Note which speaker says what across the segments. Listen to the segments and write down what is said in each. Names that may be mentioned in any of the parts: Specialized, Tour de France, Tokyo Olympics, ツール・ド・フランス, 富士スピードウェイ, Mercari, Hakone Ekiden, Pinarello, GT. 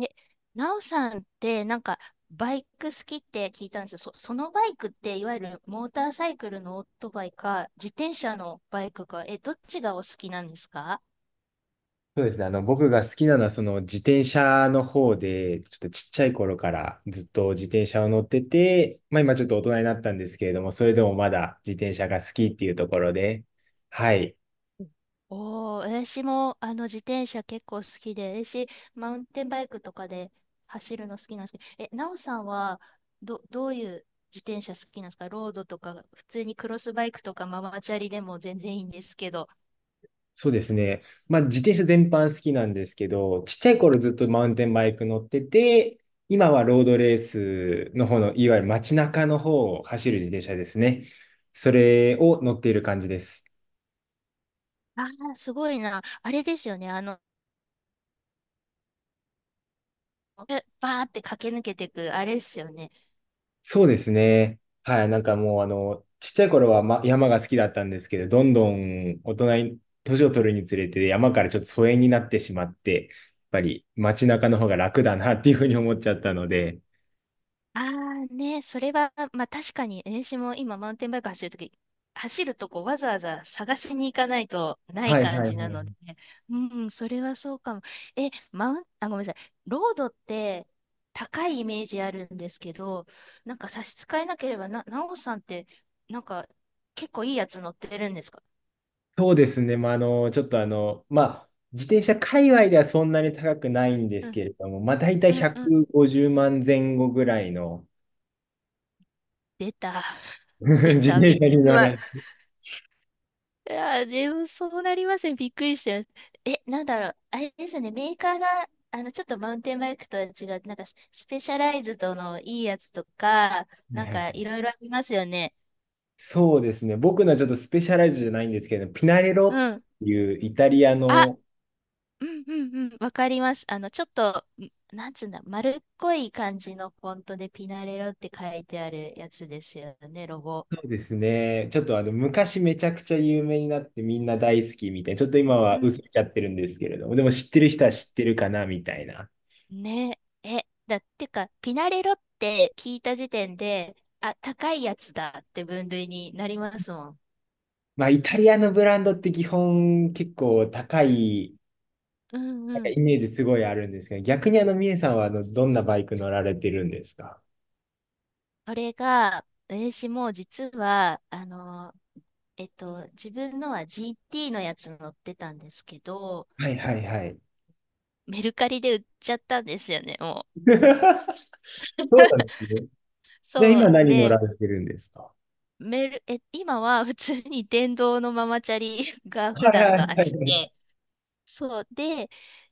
Speaker 1: え、なおさんって、なんか、バイク好きって聞いたんですよ。そのバイクって、いわゆるモーターサイクルのオートバイか、自転車のバイクか、どっちがお好きなんですか？
Speaker 2: そうですね。僕が好きなのは、その自転車の方で、ちょっとちっちゃい頃からずっと自転車を乗ってて、まあ今ちょっと大人になったんですけれども、それでもまだ自転車が好きっていうところで、はい。
Speaker 1: うん。おー、私も、自転車結構好きで、私、マウンテンバイクとかで走るの好きなんですけど、なおさんはどういう自転車好きなんですか？ロードとか、普通にクロスバイクとかママチャリでも全然いいんですけど。
Speaker 2: そうですね。まあ自転車全般好きなんですけど、ちっちゃい頃ずっとマウンテンバイク乗ってて、今はロードレースの方の、いわゆる街中の方を走る自転車ですね。それを乗っている感じです。
Speaker 1: ああ、すごいな。あれですよね。バーって駆け抜けてく、あれですよね。
Speaker 2: そうですね。はい。なんかもう、ちっちゃい頃は、ま、山が好きだったんですけど、どんどん大人に、年を取るにつれて、山からちょっと疎遠になってしまって、やっぱり街中の方が楽だなっていうふうに思っちゃったので。
Speaker 1: ああね、それは、まあ確かに、私も今マウンテンバイク走るとき、走るとこわざわざ探しに行かないとない
Speaker 2: はい
Speaker 1: 感
Speaker 2: はい
Speaker 1: じな
Speaker 2: は
Speaker 1: ので
Speaker 2: い。
Speaker 1: ね、うん、それはそうかも。え、マウン、あ、ごめんなさい、ロードって高いイメージあるんですけど、なんか差し支えなければ、なおさんって、なんか結構いいやつ乗ってるんですか？
Speaker 2: そうですね。まあ、あの、ちょっとあの、まあ、自転車界隈ではそんなに高くないんです
Speaker 1: うん、
Speaker 2: けれども、まあ、大体
Speaker 1: うん、うん。
Speaker 2: 150万前後ぐらいの
Speaker 1: 出た、出
Speaker 2: 自
Speaker 1: た、
Speaker 2: 転車に乗
Speaker 1: 今、
Speaker 2: ら、
Speaker 1: いや、でもそうなりますね。びっくりした。なんだろう。あれですね。メーカーが、ちょっとマウンテンバイクとは違う、なんかスペシャライズドのいいやつとか、
Speaker 2: ね
Speaker 1: なん
Speaker 2: は
Speaker 1: かい
Speaker 2: い
Speaker 1: ろいろありますよね。
Speaker 2: そうですね。僕のはちょっとスペシャライズじゃないんですけど、ピナレロ
Speaker 1: う
Speaker 2: っ
Speaker 1: ん。
Speaker 2: ていうイタリア
Speaker 1: あ、
Speaker 2: の、
Speaker 1: うんうんうん。わかります。ちょっと、なんつうんだ、丸っこい感じのフォントでピナレロって書いてあるやつですよね、ロゴ。
Speaker 2: そうですね。ちょっとあの、昔めちゃくちゃ有名になってみんな大好きみたいな。ちょっと今
Speaker 1: う
Speaker 2: は
Speaker 1: ん
Speaker 2: 薄れちゃってるんですけれども、でも知ってる人は知ってるかなみたいな。
Speaker 1: ね。だってか、ピナレロって聞いた時点で、あ、高いやつだって分類になりますもん。
Speaker 2: まあ、イタリアのブランドって基本結構高い、
Speaker 1: うん
Speaker 2: なん
Speaker 1: う
Speaker 2: か
Speaker 1: ん。
Speaker 2: イメージすごいあるんですけど、逆にみえさんはどんなバイク乗られてるんですか？
Speaker 1: これが、私も実は、自分のは GT のやつ乗ってたんですけど、
Speaker 2: はいはいはい。
Speaker 1: メルカリで売っちゃったんですよね、もう。
Speaker 2: そうなんで すね。じゃあ
Speaker 1: そ
Speaker 2: 今
Speaker 1: う。
Speaker 2: 何乗ら
Speaker 1: で、
Speaker 2: れてるんですか？
Speaker 1: メル、え、今は普通に電動のママチャリが
Speaker 2: は
Speaker 1: 普
Speaker 2: いは
Speaker 1: 段
Speaker 2: い
Speaker 1: の足
Speaker 2: はい。
Speaker 1: で、そう。で、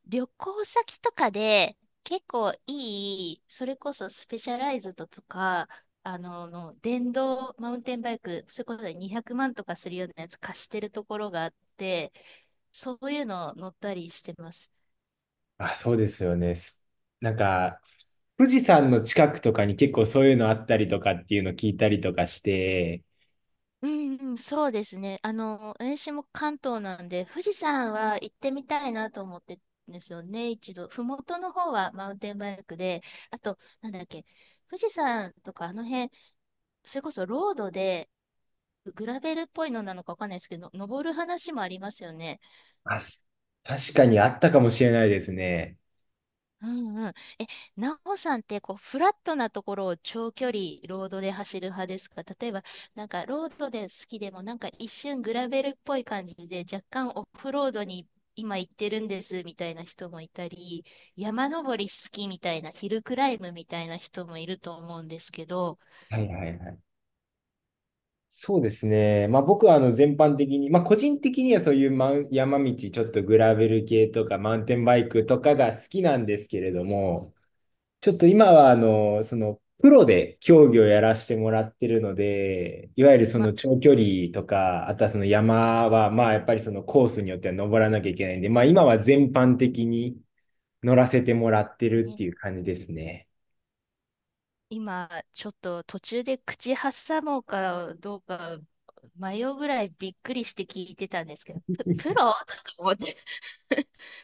Speaker 1: 旅行先とかで結構いい、それこそスペシャライズドとか、電動マウンテンバイク、それこそ200万とかするようなやつ貸してるところがあって、そういうの乗ったりしてます。
Speaker 2: あ、そうですよね。なんか、富士山の近くとかに結構そういうのあったりとかっていうの聞いたりとかして、
Speaker 1: うんうん、そうですね。私も関東なんで、富士山は行ってみたいなと思ってるんですよね、一度。麓の方はマウンテンバイクで、あと、なんだっけ、富士山とかあの辺、それこそロードで、グラベルっぽいのなのかわかんないですけど、登る話もありますよね。
Speaker 2: あ、す確かにあったかもしれないですね。
Speaker 1: うんうん。なおさんって、こう、フラットなところを長距離ロードで走る派ですか？例えば、なんか、ロードで好きでも、なんか一瞬グラベルっぽい感じで、若干オフロードに今行ってるんですみたいな人もいたり、山登り好きみたいな、ヒルクライムみたいな人もいると思うんですけど、
Speaker 2: はいはいはい。そうですね。まあ僕はあの全般的に、まあ個人的にはそういうマウン山道、ちょっとグラベル系とかマウンテンバイクとかが好きなんですけれども、ちょっと今は、プロで競技をやらせてもらってるので、いわゆるそ
Speaker 1: ま、
Speaker 2: の長距離とか、あとはその山は、まあやっぱりそのコースによっては登らなきゃいけないんで、まあ今は全般的に乗らせてもらってるって
Speaker 1: ね
Speaker 2: いう感じですね。
Speaker 1: 今、ちょっと途中で口挟もうかどうか迷うぐらいびっくりして聞いてたんですけど、プロとか思って、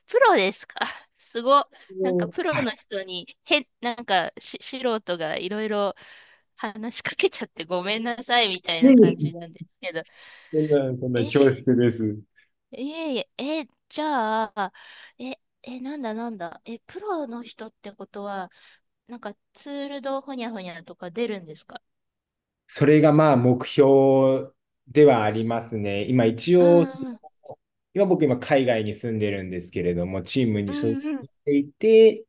Speaker 1: プロですか？ すご。なん
Speaker 2: も
Speaker 1: かプ
Speaker 2: う
Speaker 1: ロ
Speaker 2: はい。
Speaker 1: の人に、なんか素人がいろいろ話しかけちゃってごめんなさいみたい
Speaker 2: う
Speaker 1: な感
Speaker 2: ん
Speaker 1: じなんですけど、
Speaker 2: そんな、そんな恐
Speaker 1: い
Speaker 2: 縮です。
Speaker 1: えいえ、じゃあ、え、なんだなんだ、プロの人ってことは、なんかツールドほにゃほにゃとか出るんですか？
Speaker 2: それがまあ目標ではありますね。今一
Speaker 1: う
Speaker 2: 応、
Speaker 1: んうん
Speaker 2: 今僕海外に住んでるんですけれども、チーム
Speaker 1: う
Speaker 2: に所
Speaker 1: ん
Speaker 2: 属
Speaker 1: う
Speaker 2: し
Speaker 1: ん。
Speaker 2: ていて、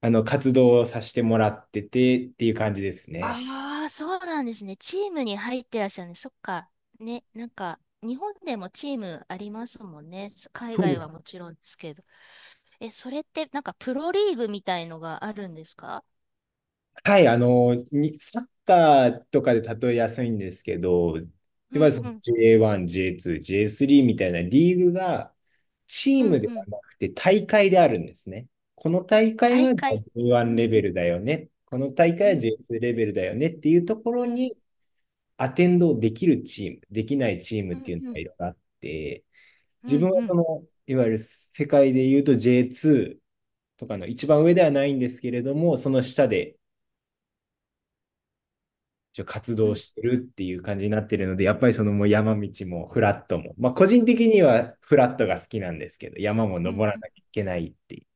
Speaker 2: 活動をさせてもらっててっていう感じですね。
Speaker 1: ああ、そうなんですね。チームに入ってらっしゃるね。そっか。ね、なんか、日本でもチームありますもんね。海
Speaker 2: そう
Speaker 1: 外
Speaker 2: で
Speaker 1: は
Speaker 2: す。
Speaker 1: もちろんですけど。それって、なんか、プロリーグみたいのがあるんですか？
Speaker 2: サッカーとかで例えやすいんですけど、
Speaker 1: う
Speaker 2: で、まず
Speaker 1: ん
Speaker 2: そ
Speaker 1: う
Speaker 2: の
Speaker 1: ん、
Speaker 2: J1、J2、J3 みたいなリーグがチ
Speaker 1: う
Speaker 2: ーム
Speaker 1: ん
Speaker 2: で
Speaker 1: う
Speaker 2: は
Speaker 1: ん。
Speaker 2: なくて大会であるんですね。この大
Speaker 1: 大
Speaker 2: 会は
Speaker 1: 会。う
Speaker 2: J1 レ
Speaker 1: ん、
Speaker 2: ベルだよね。この大
Speaker 1: う
Speaker 2: 会は
Speaker 1: ん、
Speaker 2: J2 レベルだよねっていうとこ
Speaker 1: う
Speaker 2: ろ
Speaker 1: ん、
Speaker 2: にアテンドできるチーム、できないチーム
Speaker 1: う
Speaker 2: って
Speaker 1: ん、
Speaker 2: いうの
Speaker 1: う
Speaker 2: が
Speaker 1: ん、
Speaker 2: いろいろあって、
Speaker 1: うん、う
Speaker 2: 自分はそ
Speaker 1: ん、
Speaker 2: の、いわゆる世界で言うと J2 とかの一番上ではないんですけれども、その下で活動し
Speaker 1: う
Speaker 2: てるっていう感じになってるので、やっぱりそのもう山道もフラットも、まあ個人的にはフラットが好きなんですけど、山も
Speaker 1: ん、う
Speaker 2: 登
Speaker 1: ん。
Speaker 2: らなきゃいけないっていう。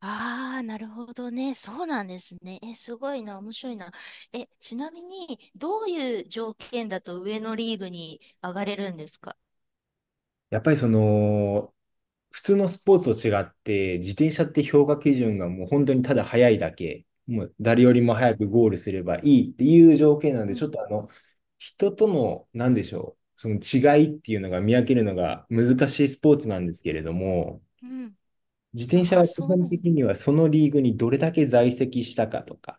Speaker 1: ああー、なるほどね。そうなんですね。すごいな、面白いな。ちなみに、どういう条件だと上のリーグに上がれるんですか？
Speaker 2: やっぱりその、普通のスポーツと違って、自転車って評価基準がもう本当にただ速いだけ、もう誰より
Speaker 1: う
Speaker 2: も
Speaker 1: ん
Speaker 2: 早くゴールすればいいっていう条件なの
Speaker 1: う
Speaker 2: で、ち
Speaker 1: ん
Speaker 2: ょっとあの、人との、なんでしょう、その違いっていうのが見分けるのが難しいスポー
Speaker 1: う
Speaker 2: ツ
Speaker 1: ん。
Speaker 2: なんですけれども、
Speaker 1: うん
Speaker 2: 自転車
Speaker 1: ああ、
Speaker 2: は基
Speaker 1: そう
Speaker 2: 本
Speaker 1: なんだ。
Speaker 2: 的にはそのリーグにどれだけ在籍したかとか、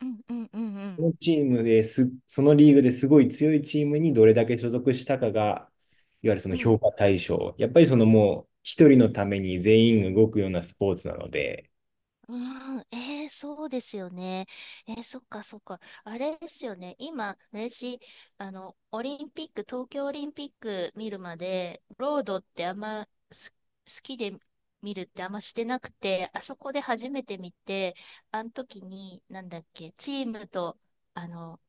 Speaker 1: うんうんうんう
Speaker 2: そ
Speaker 1: ん。
Speaker 2: のチームです、そのリーグですごい強いチームにどれだけ所属したかが、いわゆるその
Speaker 1: うん、
Speaker 2: 評価対象。やっぱりそのもう一人のために全員動くようなスポーツなので、
Speaker 1: うん、えー、そうですよね。えー、そっかそっか。あれですよね。今、私、オリンピック、東京オリンピック見るまで、ロードってあんま好きで見るってあんましてなくて、あそこで初めて見て、あの時に、なんだっけ、チームと、あの、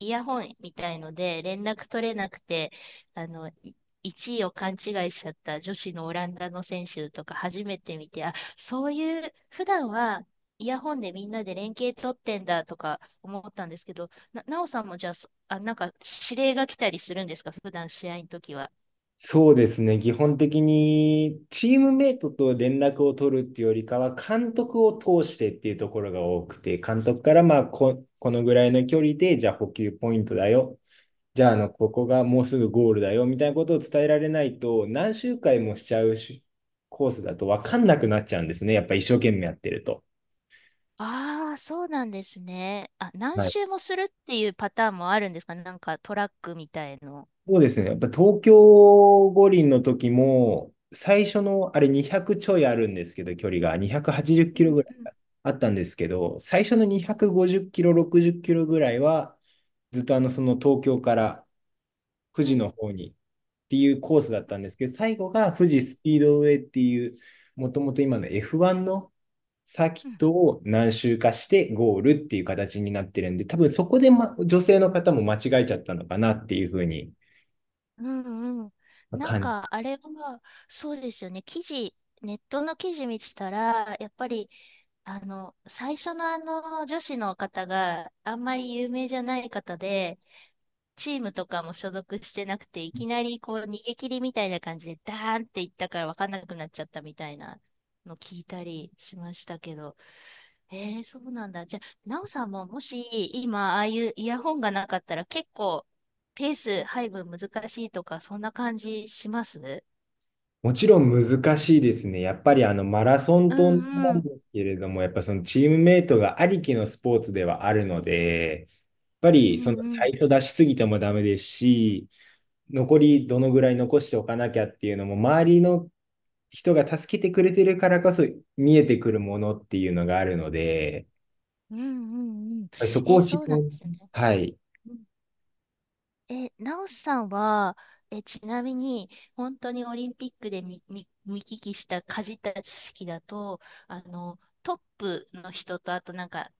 Speaker 1: イヤホンみたいので連絡取れなくて、あの、い1位を勘違いしちゃった女子のオランダの選手とか初めて見て、あ、そういう、普段はイヤホンでみんなで連携取ってんだとか思ったんですけど、なおさんもじゃあ、なんか指令が来たりするんですか、普段試合の時は。
Speaker 2: そうですね、基本的にチームメイトと連絡を取るっていうよりかは、監督を通してっていうところが多くて、監督からまあこのぐらいの距離で、じゃあ補給ポイントだよ。じゃあ、あの、ここがもうすぐゴールだよ、みたいなことを伝えられないと、何周回もしちゃうしコースだと分かんなくなっちゃうんですね。やっぱ一生懸命やってると。
Speaker 1: ああ、そうなんですね。あ、何
Speaker 2: はい。
Speaker 1: 周もするっていうパターンもあるんですか？なんかトラックみたいの。
Speaker 2: そうですね。やっぱ東京五輪の時も、最初のあれ200ちょいあるんですけど、距離が280キ
Speaker 1: うん
Speaker 2: ロぐらい
Speaker 1: うん
Speaker 2: あったんですけど、最初の250キロ、60キロぐらいは、ずっと東京から富
Speaker 1: う
Speaker 2: 士
Speaker 1: ん
Speaker 2: の方にっていうコースだったんですけど、最後が富
Speaker 1: う
Speaker 2: 士
Speaker 1: んうん
Speaker 2: スピードウェイっていう、もともと今の F1 のサーキ
Speaker 1: う
Speaker 2: ッ
Speaker 1: ん
Speaker 2: トを何周かしてゴールっていう形になってるんで、多分そこで、ま、女性の方も間違えちゃったのかなっていうふうに
Speaker 1: うんうん。なん
Speaker 2: 感
Speaker 1: か、
Speaker 2: じ。
Speaker 1: あれは、そうですよね。ネットの記事見てたら、やっぱり、最初のあの、女子の方があんまり有名じゃない方で、チームとかも所属してなくて、いきなりこう、逃げ切りみたいな感じで、ダーンっていったから分かんなくなっちゃったみたいなの聞いたりしましたけど、えー、そうなんだ。じゃあ、なおさんももし今、ああいうイヤホンがなかったら結構ペース配分難しいとか、そんな感じします？
Speaker 2: もちろん難しいですね。やっぱりあのマラソン
Speaker 1: う
Speaker 2: とな
Speaker 1: んう
Speaker 2: ん
Speaker 1: ん。
Speaker 2: ですけれども、やっぱそのチームメイトがありきのスポーツではあるので、やっぱ
Speaker 1: う
Speaker 2: りその
Speaker 1: んうん。
Speaker 2: 最初出しすぎてもダメですし、残りどのぐらい残しておかなきゃっていうのも、周りの人が助けてくれてるからこそ見えてくるものっていうのがあるので、
Speaker 1: うんうんうん。
Speaker 2: そこ
Speaker 1: えー、
Speaker 2: を知っ
Speaker 1: そ
Speaker 2: て
Speaker 1: うなんですね。
Speaker 2: はい。
Speaker 1: うん。なおさんは、ちなみに、本当にオリンピックで見聞きした、かじった知識だと、トップの人と、あとなんか、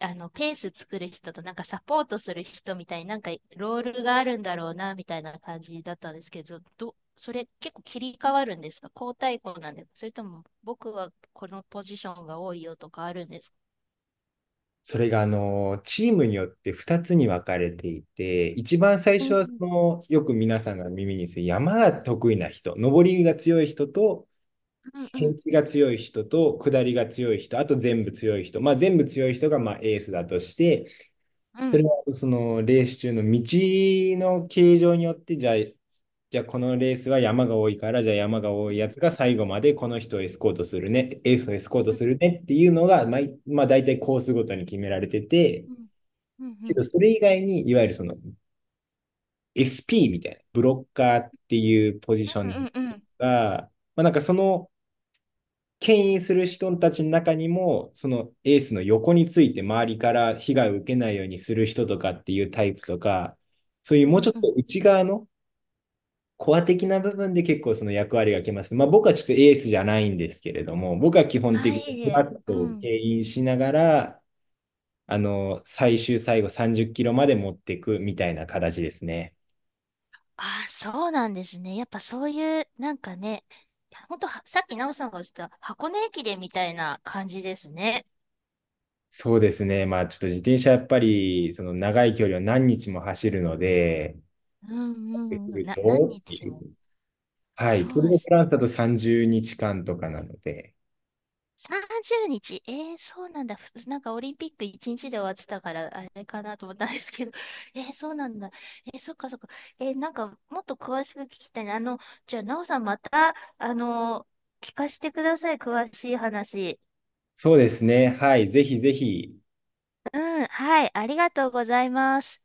Speaker 1: ペース作る人と、なんかサポートする人みたいになんかロールがあるんだろうな、みたいな感じだったんですけど、それ結構切り替わるんですか？交代校なんですか？それとも、僕はこのポジションが多いよとかあるんですか？
Speaker 2: それが、あの、チームによって2つに分かれていて、一番最
Speaker 1: う
Speaker 2: 初はそ
Speaker 1: ん
Speaker 2: の、よく皆さんが耳にする山が得意な人、登りが強い人と、
Speaker 1: うんう
Speaker 2: 平
Speaker 1: ん
Speaker 2: 地が強い人と、下りが強い人、あと全部強い人、まあ、全部強い人がまあエースだとして、
Speaker 1: う
Speaker 2: そ
Speaker 1: ん
Speaker 2: れはそのレース中の道の形状によってじゃあこのレースは山が多いからじゃあ山が多いやつが最後までこの人をエスコートするねエースをエスコートするねっていうのがまあ、大体コースごとに決められてて
Speaker 1: うんうんう
Speaker 2: け
Speaker 1: ん
Speaker 2: どそれ以外にいわゆるその SP みたいなブロッカーっていうポジショ
Speaker 1: う
Speaker 2: ン
Speaker 1: んうん
Speaker 2: が、まあ、なんかその牽引する人たちの中にも、そのエースの横について周りから被害を受けないようにする人とかっていうタイプとか、そういう
Speaker 1: う
Speaker 2: もうち
Speaker 1: ん
Speaker 2: ょっ
Speaker 1: う
Speaker 2: と
Speaker 1: ん
Speaker 2: 内側のコア的な部分で結構その役割がきます。まあ僕はちょっとエースじゃないんですけれども、僕は基本
Speaker 1: は
Speaker 2: 的
Speaker 1: い、
Speaker 2: に
Speaker 1: えい
Speaker 2: フラ
Speaker 1: え
Speaker 2: ッ
Speaker 1: う
Speaker 2: トを
Speaker 1: ん。
Speaker 2: 牽引しながら、あの、最後30キロまで持っていくみたいな形ですね。
Speaker 1: あ、そうなんですね。やっぱそういう、なんかね、ほんとは、さっき奈緒さんがおっしゃった箱根駅伝みたいな感じですね。
Speaker 2: そうですね。まあちょっと自転車やっぱりその長い距離を何日も走るので、っ
Speaker 1: うんう
Speaker 2: てく
Speaker 1: んうん。
Speaker 2: る
Speaker 1: 何
Speaker 2: とって
Speaker 1: 日
Speaker 2: いう
Speaker 1: も。
Speaker 2: はい。
Speaker 1: そ
Speaker 2: ツー
Speaker 1: う
Speaker 2: ル・
Speaker 1: で
Speaker 2: ド・フ
Speaker 1: すね。
Speaker 2: ランスだと30日間とかなので、
Speaker 1: 30日。えー、そうなんだ。なんかオリンピック1日で終わってたから、あれかなと思ったんですけど。えー、そうなんだ。えー、そっかそっか。なんかもっと詳しく聞きたいな。じゃあ、なおさんまた、聞かせてください。詳しい話。
Speaker 2: そうですね。はい。ぜひぜひ、
Speaker 1: うん、はい。ありがとうございます。